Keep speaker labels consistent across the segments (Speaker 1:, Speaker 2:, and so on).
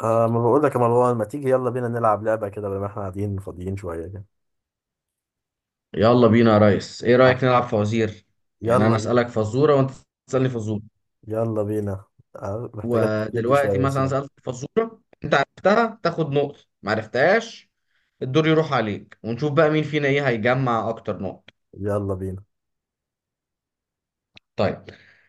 Speaker 1: ما بقول لك يا مروان، ما تيجي يلا بينا نلعب لعبة كده بما احنا قاعدين فاضيين شوية كده.
Speaker 2: يلا بينا يا ريس، ايه
Speaker 1: آه،
Speaker 2: رأيك نلعب فوازير؟ يعني
Speaker 1: يلا
Speaker 2: انا
Speaker 1: بينا.
Speaker 2: اسألك فزورة وانت تسألني فزورة.
Speaker 1: يلا بينا. آه، محتاجة تفكير دي
Speaker 2: ودلوقتي
Speaker 1: شوية بس
Speaker 2: مثلا
Speaker 1: يعني.
Speaker 2: سألت فزورة، انت عرفتها تاخد نقطة، ما عرفتهاش الدور يروح عليك، ونشوف بقى مين فينا ايه هيجمع اكتر نقط.
Speaker 1: يلا بينا.
Speaker 2: طيب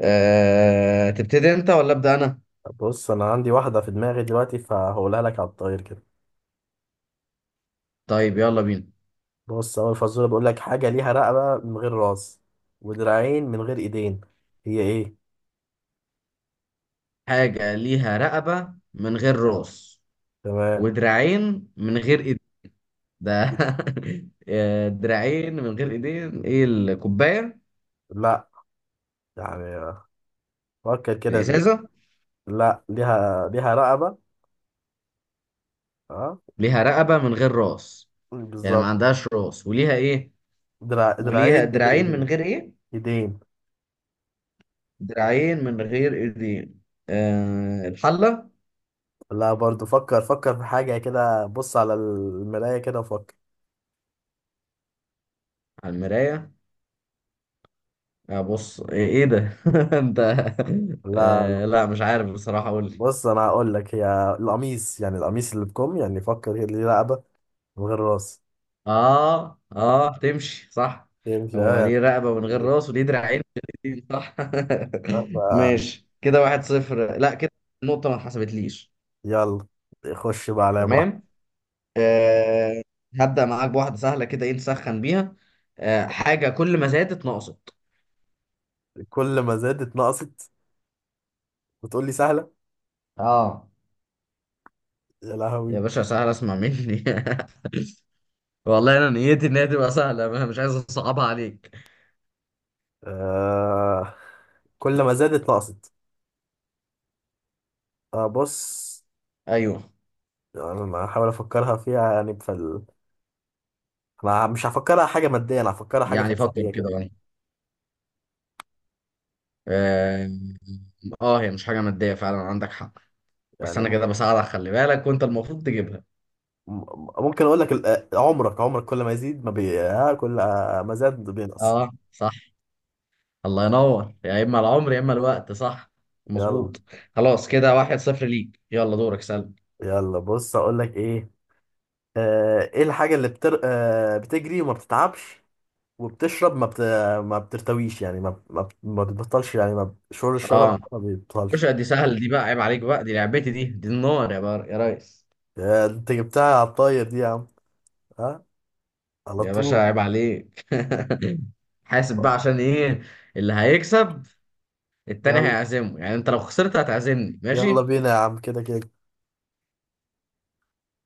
Speaker 2: تبتدي انت ولا ابدأ انا؟
Speaker 1: بص انا عندي واحدة في دماغي دلوقتي، فهقولها لك على الطاير كده.
Speaker 2: طيب يلا بينا.
Speaker 1: بص، اول فزورة بقول لك: حاجة ليها رقبة من غير راس ودراعين من غير ايدين، هي ايه؟
Speaker 2: حاجة ليها رقبة من غير راس
Speaker 1: تمام.
Speaker 2: ودراعين من غير ايد. ده دراعين من غير ايدين؟ ايه، الكوباية؟
Speaker 1: لا، يعني فكر كده.
Speaker 2: الازازة؟
Speaker 1: لا، ليها رقبة. اه.
Speaker 2: ليها رقبة من غير راس؟ يعني ما
Speaker 1: بالظبط.
Speaker 2: عندهاش راس وليها ايه؟ وليها
Speaker 1: دراعين من غير
Speaker 2: دراعين من
Speaker 1: ايدين.
Speaker 2: غير ايه؟
Speaker 1: ايدين.
Speaker 2: دراعين من غير ايدين. آه، الحلة.
Speaker 1: لا، برضو فكر في حاجة كده، بص على المراية كده وفكر.
Speaker 2: على المراية؟ آه بص ايه، ده؟ انت.
Speaker 1: لا.
Speaker 2: آه لا، مش عارف بصراحة، قول لي.
Speaker 1: بص أنا هقول لك، هي القميص، يعني القميص اللي بكم، يعني فكر كده، ليه رقبة من غير راس.
Speaker 2: اه اه، تمشي صح.
Speaker 1: يمشي أه
Speaker 2: هو
Speaker 1: يعني.
Speaker 2: ليه رقبة من غير راس وليه دراعين من غير ايدين، صح.
Speaker 1: آه، ف-
Speaker 2: ماشي، كده واحد صفر. لا كده النقطة ما اتحسبتليش.
Speaker 1: يلا، خش بقى عليا بواحد.
Speaker 2: تمام. آه، هبدأ معاك بواحدة سهلة كده، ايه نسخن بيها. حاجة كل ما زادت نقصت.
Speaker 1: كل ما زادت نقصت وتقول لي سهلة؟
Speaker 2: اه.
Speaker 1: يا
Speaker 2: يا
Speaker 1: لهوي.
Speaker 2: باشا سهلة، اسمع مني. والله انا نيتي ان هي تبقى سهلة، انا مش عايز اصعبها عليك.
Speaker 1: آه. كل ما زادت نقصت. آه بص،
Speaker 2: ايوه،
Speaker 1: يعني أنا هحاول أفكرها فيها يعني في ال... أنا مش هفكرها حاجة مادية، أنا هفكرها حاجة
Speaker 2: يعني فكر
Speaker 1: فلسفية
Speaker 2: كده
Speaker 1: كده
Speaker 2: بقى. اه. هي مش حاجة مادية فعلا، عندك حق. بس انا
Speaker 1: يعني.
Speaker 2: كده بساعدك، خلي بالك، وانت المفروض تجيبها.
Speaker 1: ممكن اقول لك عمرك، كل ما يزيد ما بي... ها، كل ما زاد بينقص.
Speaker 2: اه صح. الله ينور، يا اما العمر يا اما الوقت، صح.
Speaker 1: يلا.
Speaker 2: مظبوط. خلاص كده واحد صفر ليك، يلا دورك سلم.
Speaker 1: يلا بص اقول لك ايه. آه، ايه الحاجة اللي بتر... آه، بتجري وما بتتعبش، وبتشرب ما بت... ما بترتويش يعني، ما بتبطلش، يعني ما ب- شعور الشرب
Speaker 2: اه.
Speaker 1: ما بيبطلش.
Speaker 2: باشا دي سهل، دي بقى عيب عليك بقى، دي لعبتي دي، دي النار يا بار يا ريس.
Speaker 1: يا انت جبتها على الطاير دي يا عم. ها. على
Speaker 2: يا باشا
Speaker 1: طول.
Speaker 2: عيب عليك. حاسب بقى، عشان ايه؟ اللي هيكسب التاني
Speaker 1: يلا.
Speaker 2: هيعزمه، يعني انت لو خسرت هتعزمني،
Speaker 1: يلا
Speaker 2: ماشي.
Speaker 1: بينا يا عم، كده كده.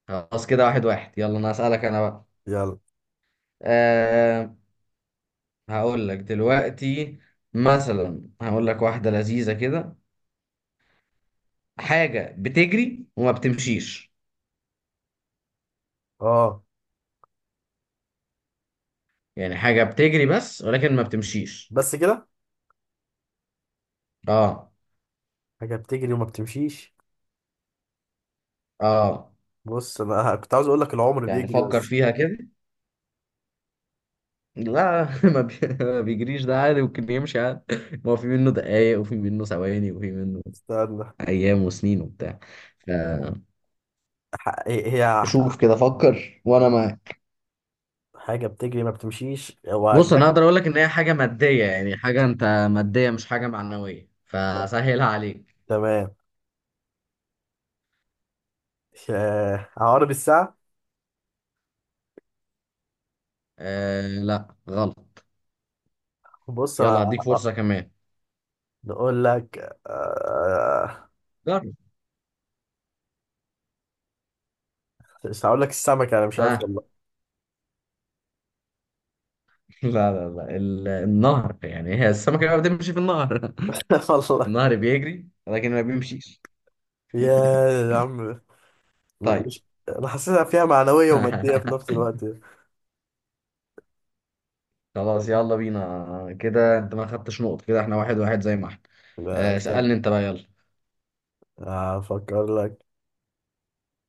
Speaker 2: خلاص كده واحد واحد، يلا انا هسألك انا بقى.
Speaker 1: يلا.
Speaker 2: أه. هقول لك دلوقتي مثلا، هقول لك واحدة لذيذة كده. حاجة بتجري وما بتمشيش.
Speaker 1: اه.
Speaker 2: يعني حاجة بتجري بس، ولكن ما بتمشيش.
Speaker 1: بس كده؟
Speaker 2: اه
Speaker 1: حاجة بتجري وما بتمشيش.
Speaker 2: اه.
Speaker 1: بص انا كنت عاوز اقول لك العمر
Speaker 2: يعني
Speaker 1: بيجري
Speaker 2: فكر
Speaker 1: بس.
Speaker 2: فيها كده. لا ما بيجريش، ده عادي ممكن يمشي عادي. ما هو في منه دقايق وفي منه ثواني وفي منه
Speaker 1: استنى.
Speaker 2: ايام وسنين وبتاع.
Speaker 1: هي
Speaker 2: فشوف كده، فكر وانا معاك.
Speaker 1: حاجة بتجري ما بتمشيش، هو
Speaker 2: بص انا اقدر
Speaker 1: عجبك؟
Speaker 2: اقول لك ان هي حاجه ماديه، يعني حاجه ماديه مش حاجه معنويه، فسهلها عليك.
Speaker 1: تمام. آه، عقارب الساعة.
Speaker 2: آه لا غلط.
Speaker 1: بص أنا.
Speaker 2: يلا هديك
Speaker 1: آه،
Speaker 2: فرصه كمان.
Speaker 1: نقول لك. آه،
Speaker 2: جرب.
Speaker 1: مش هقول لك السمكة، أنا مش عارف
Speaker 2: ها.
Speaker 1: والله.
Speaker 2: لا لا لا، النهر يعني. هي السمكه بقى بتمشي في النهر.
Speaker 1: والله.
Speaker 2: النهر بيجري لكن ما بيمشيش.
Speaker 1: يا عم.
Speaker 2: طيب.
Speaker 1: مش أنا حاسسها فيها معنوية ومادية في نفس الوقت.
Speaker 2: خلاص يلا بينا، كده انت ما خدتش نقط، كده احنا واحد واحد زي ما احنا.
Speaker 1: لا استنى.
Speaker 2: اسألني انت بقى يلا.
Speaker 1: أفكر لك.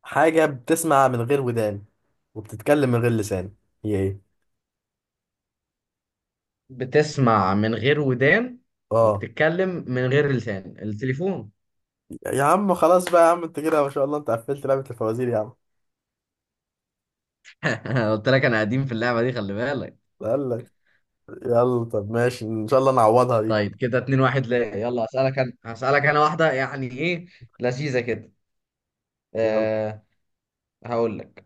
Speaker 1: حاجة بتسمع من غير ودان وبتتكلم من غير لسان، هي إيه؟
Speaker 2: بتسمع من غير ودان
Speaker 1: آه.
Speaker 2: وبتتكلم من غير لسان، التليفون.
Speaker 1: يا عم خلاص بقى يا عم، أنت كده ما شاء الله، أنت قفلت لعبة الفوازير يا عم.
Speaker 2: قلت لك انا قديم في اللعبة دي، خلي بالك.
Speaker 1: قال لك. يلا طب ماشي، ان شاء الله نعوضها دي.
Speaker 2: طيب كده اتنين واحد ليه، يلا اسألك انا، هسألك انا واحدة يعني ايه لذيذة كده.
Speaker 1: يلا.
Speaker 2: أه. هقول لك.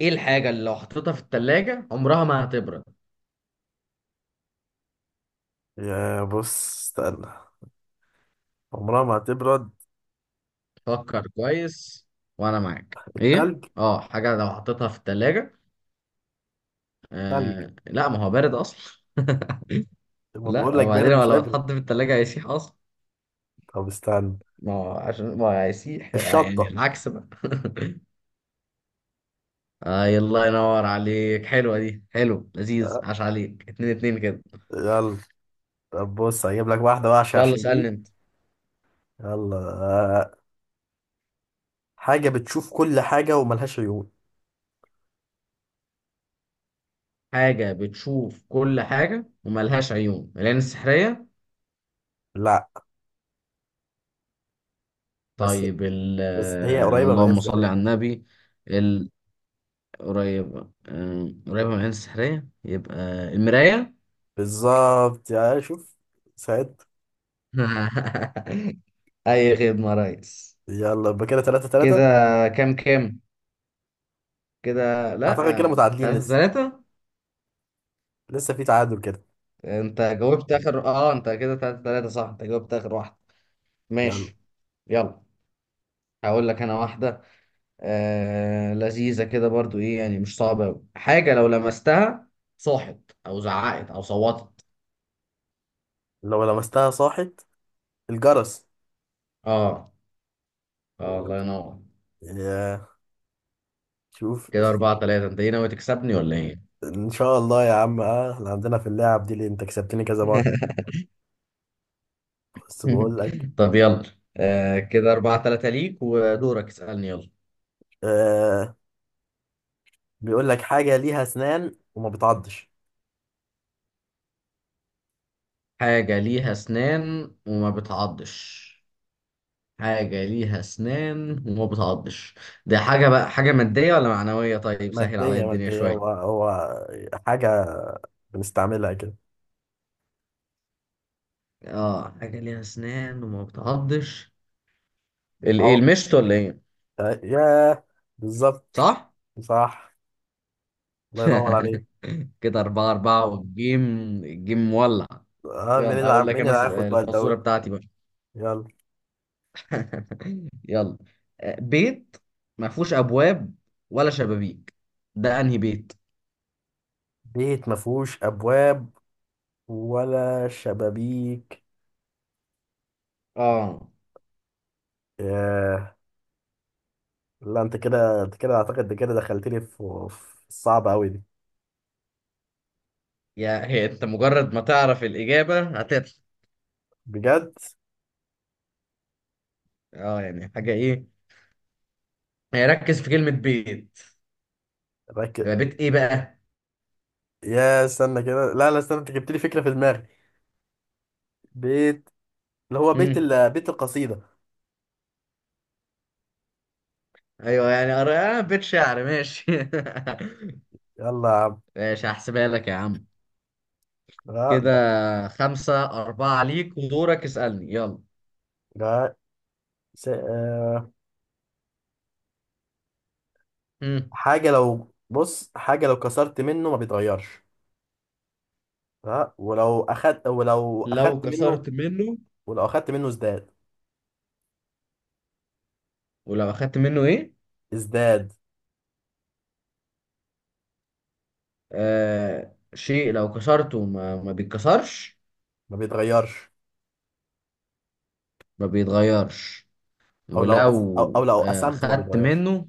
Speaker 2: ايه الحاجة اللي لو حطيتها في التلاجة عمرها ما هتبرد؟
Speaker 1: يا بص استنى. عمرها ما هتبرد؟
Speaker 2: فكر كويس وانا معاك. ايه،
Speaker 1: التلج.
Speaker 2: اه، حاجة لو حطيتها في التلاجة.
Speaker 1: تلج.
Speaker 2: أه لا، ما هو بارد اصلا.
Speaker 1: لما بقول
Speaker 2: لا
Speaker 1: لك بارد
Speaker 2: وبعدين هو
Speaker 1: مش
Speaker 2: لو
Speaker 1: هيبرد.
Speaker 2: اتحط في التلاجة هيسيح اصلا.
Speaker 1: طب استنى.
Speaker 2: ما هو عشان ما هو هيسيح، يعني
Speaker 1: الشطة.
Speaker 2: العكس بقى. آه الله ينور عليك، حلوة دي، حلو لذيذ،
Speaker 1: أه،
Speaker 2: عاش عليك، اتنين اتنين كده.
Speaker 1: يلا. طب بص هجيب لك واحدة وحشة
Speaker 2: يلا
Speaker 1: عشان دي.
Speaker 2: اسألني انت.
Speaker 1: يلا أه، حاجة بتشوف كل حاجة وملهاش عيون.
Speaker 2: حاجة بتشوف كل حاجة وملهاش عيون، العين السحرية.
Speaker 1: لا. بس
Speaker 2: طيب ال.
Speaker 1: بس هي قريبة من
Speaker 2: اللهم صل
Speaker 1: الانسان.
Speaker 2: على النبي. ال- قريب. قريبة من العين السحرية، يبقى المراية.
Speaker 1: بالظبط، يا شوف. سعد.
Speaker 2: أي خدمة يا ريس.
Speaker 1: يلا يبقى كده تلاتة
Speaker 2: كده
Speaker 1: تلاتة.
Speaker 2: كام كام؟ كده لا،
Speaker 1: أعتقد كده متعادلين
Speaker 2: تلاتة
Speaker 1: لسه.
Speaker 2: تلاتة.
Speaker 1: لسه في تعادل كده.
Speaker 2: انت جاوبت اخر، اه انت كده تلاتة تلاتة صح، انت جاوبت اخر واحدة.
Speaker 1: يلا.
Speaker 2: ماشي. يلا هقول لك انا واحدة. لذيذة كده برضو، ايه يعني مش صعبة أوي. حاجة لو لمستها صاحت او زعقت او صوتت.
Speaker 1: لو لمستها صاحي. الجرس.
Speaker 2: اه. اه الله ينور.
Speaker 1: يا شوف.
Speaker 2: كده اربعة تلاتة، انت ايه ناوي تكسبني ولا ايه؟
Speaker 1: ان شاء الله يا عم، اه احنا عندنا في اللعب دي اللي انت كسبتني كذا مره، بس بقول لك.
Speaker 2: طب يلا. كده اربعة تلاتة ليك، ودورك اسألني يلا.
Speaker 1: آه. بيقول لك حاجه ليها اسنان وما بتعضش.
Speaker 2: حاجة ليها اسنان وما بتعضش. حاجة ليها أسنان وما بتعضش. ده حاجة بقى، حاجة مادية ولا معنوية؟ طيب سهل عليا
Speaker 1: ماديه
Speaker 2: الدنيا
Speaker 1: ماديه، هو
Speaker 2: شوية.
Speaker 1: هو حاجه بنستعملها كده.
Speaker 2: اه، حاجة ليها أسنان وما بتعضش، الإيه،
Speaker 1: أو...
Speaker 2: المشط ولا إيه؟
Speaker 1: آه يا. بالظبط.
Speaker 2: صح.
Speaker 1: صح. الله ينور عليك.
Speaker 2: كده أربعة أربعة، والجيم الجيم مولع.
Speaker 1: اه،
Speaker 2: يلا هقول لك
Speaker 1: مين
Speaker 2: أنا،
Speaker 1: اللي هياخد بقى
Speaker 2: الفزورة
Speaker 1: الدوري؟
Speaker 2: بتاعتي بقى.
Speaker 1: يلا.
Speaker 2: يلا. بيت ما فيهوش أبواب ولا شبابيك، ده أنهي بيت؟
Speaker 1: بيت ما فيهوش ابواب ولا شبابيك؟
Speaker 2: اه.
Speaker 1: آه. لا انت كده، اعتقد انت كده دخلتني في في الصعبة قوي دي.
Speaker 2: يا هي، أنت مجرد ما تعرف الإجابة هتضحك.
Speaker 1: بجد.
Speaker 2: اه يعني حاجة ايه، يعني ركز في كلمة بيت،
Speaker 1: ركز.
Speaker 2: يبقى بيت ايه بقى؟
Speaker 1: يا استنى كده، لا استنى، انت جبت لي فكرة في دماغي. بيت. اللي هو بيت
Speaker 2: مم.
Speaker 1: ال... بيت القصيدة.
Speaker 2: ايوه يعني آه بيت شعر، ماشي.
Speaker 1: يلا يا عم.
Speaker 2: ماشي هحسبها لك يا عم.
Speaker 1: لا.
Speaker 2: كده خمسة أربعة ليك، ودورك اسألني يلا.
Speaker 1: لا س... آه،
Speaker 2: مم.
Speaker 1: حاجة لو حاجة لو كسرت منه ما بيتغيرش. ها، ولو
Speaker 2: لو
Speaker 1: اخدت منه.
Speaker 2: كسرت منه،
Speaker 1: ولو اخدت منه ازداد.
Speaker 2: ولو أخدت منه ايه؟
Speaker 1: ازداد.
Speaker 2: آه، شيء لو كسرته ما بيتكسرش،
Speaker 1: ما بيتغيرش.
Speaker 2: ما بيتغيرش.
Speaker 1: او
Speaker 2: ولو
Speaker 1: لو
Speaker 2: آه
Speaker 1: قسمته ما
Speaker 2: خدت
Speaker 1: بيتغيرش.
Speaker 2: منه،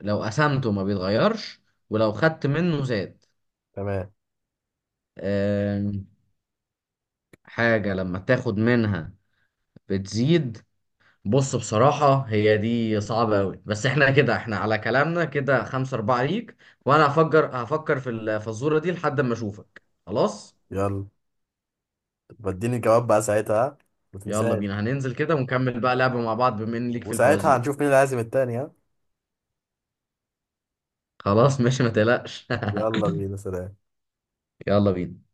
Speaker 2: لو قسمته ما بيتغيرش، ولو خدت منه زاد.
Speaker 1: تمام.
Speaker 2: آه. حاجة لما تاخد منها بتزيد. بص بصراحة هي دي صعبة أوي، بس احنا كده احنا على كلامنا، كده خمسة أربعة ليك، وأنا هفكر في الفزورة دي لحد ما أشوفك، خلاص.
Speaker 1: يلا. بديني الجواب بقى ساعتها، ها؟ ما
Speaker 2: يلا
Speaker 1: تنساش.
Speaker 2: بينا، هننزل كده ونكمل بقى لعبة مع بعض بما إن ليك في
Speaker 1: وساعتها
Speaker 2: الفوازير.
Speaker 1: هنشوف مين اللي هيعزم التاني، ها.
Speaker 2: خلاص ماشي، ما تقلقش.
Speaker 1: يلا بينا، سلام.
Speaker 2: يلا بينا.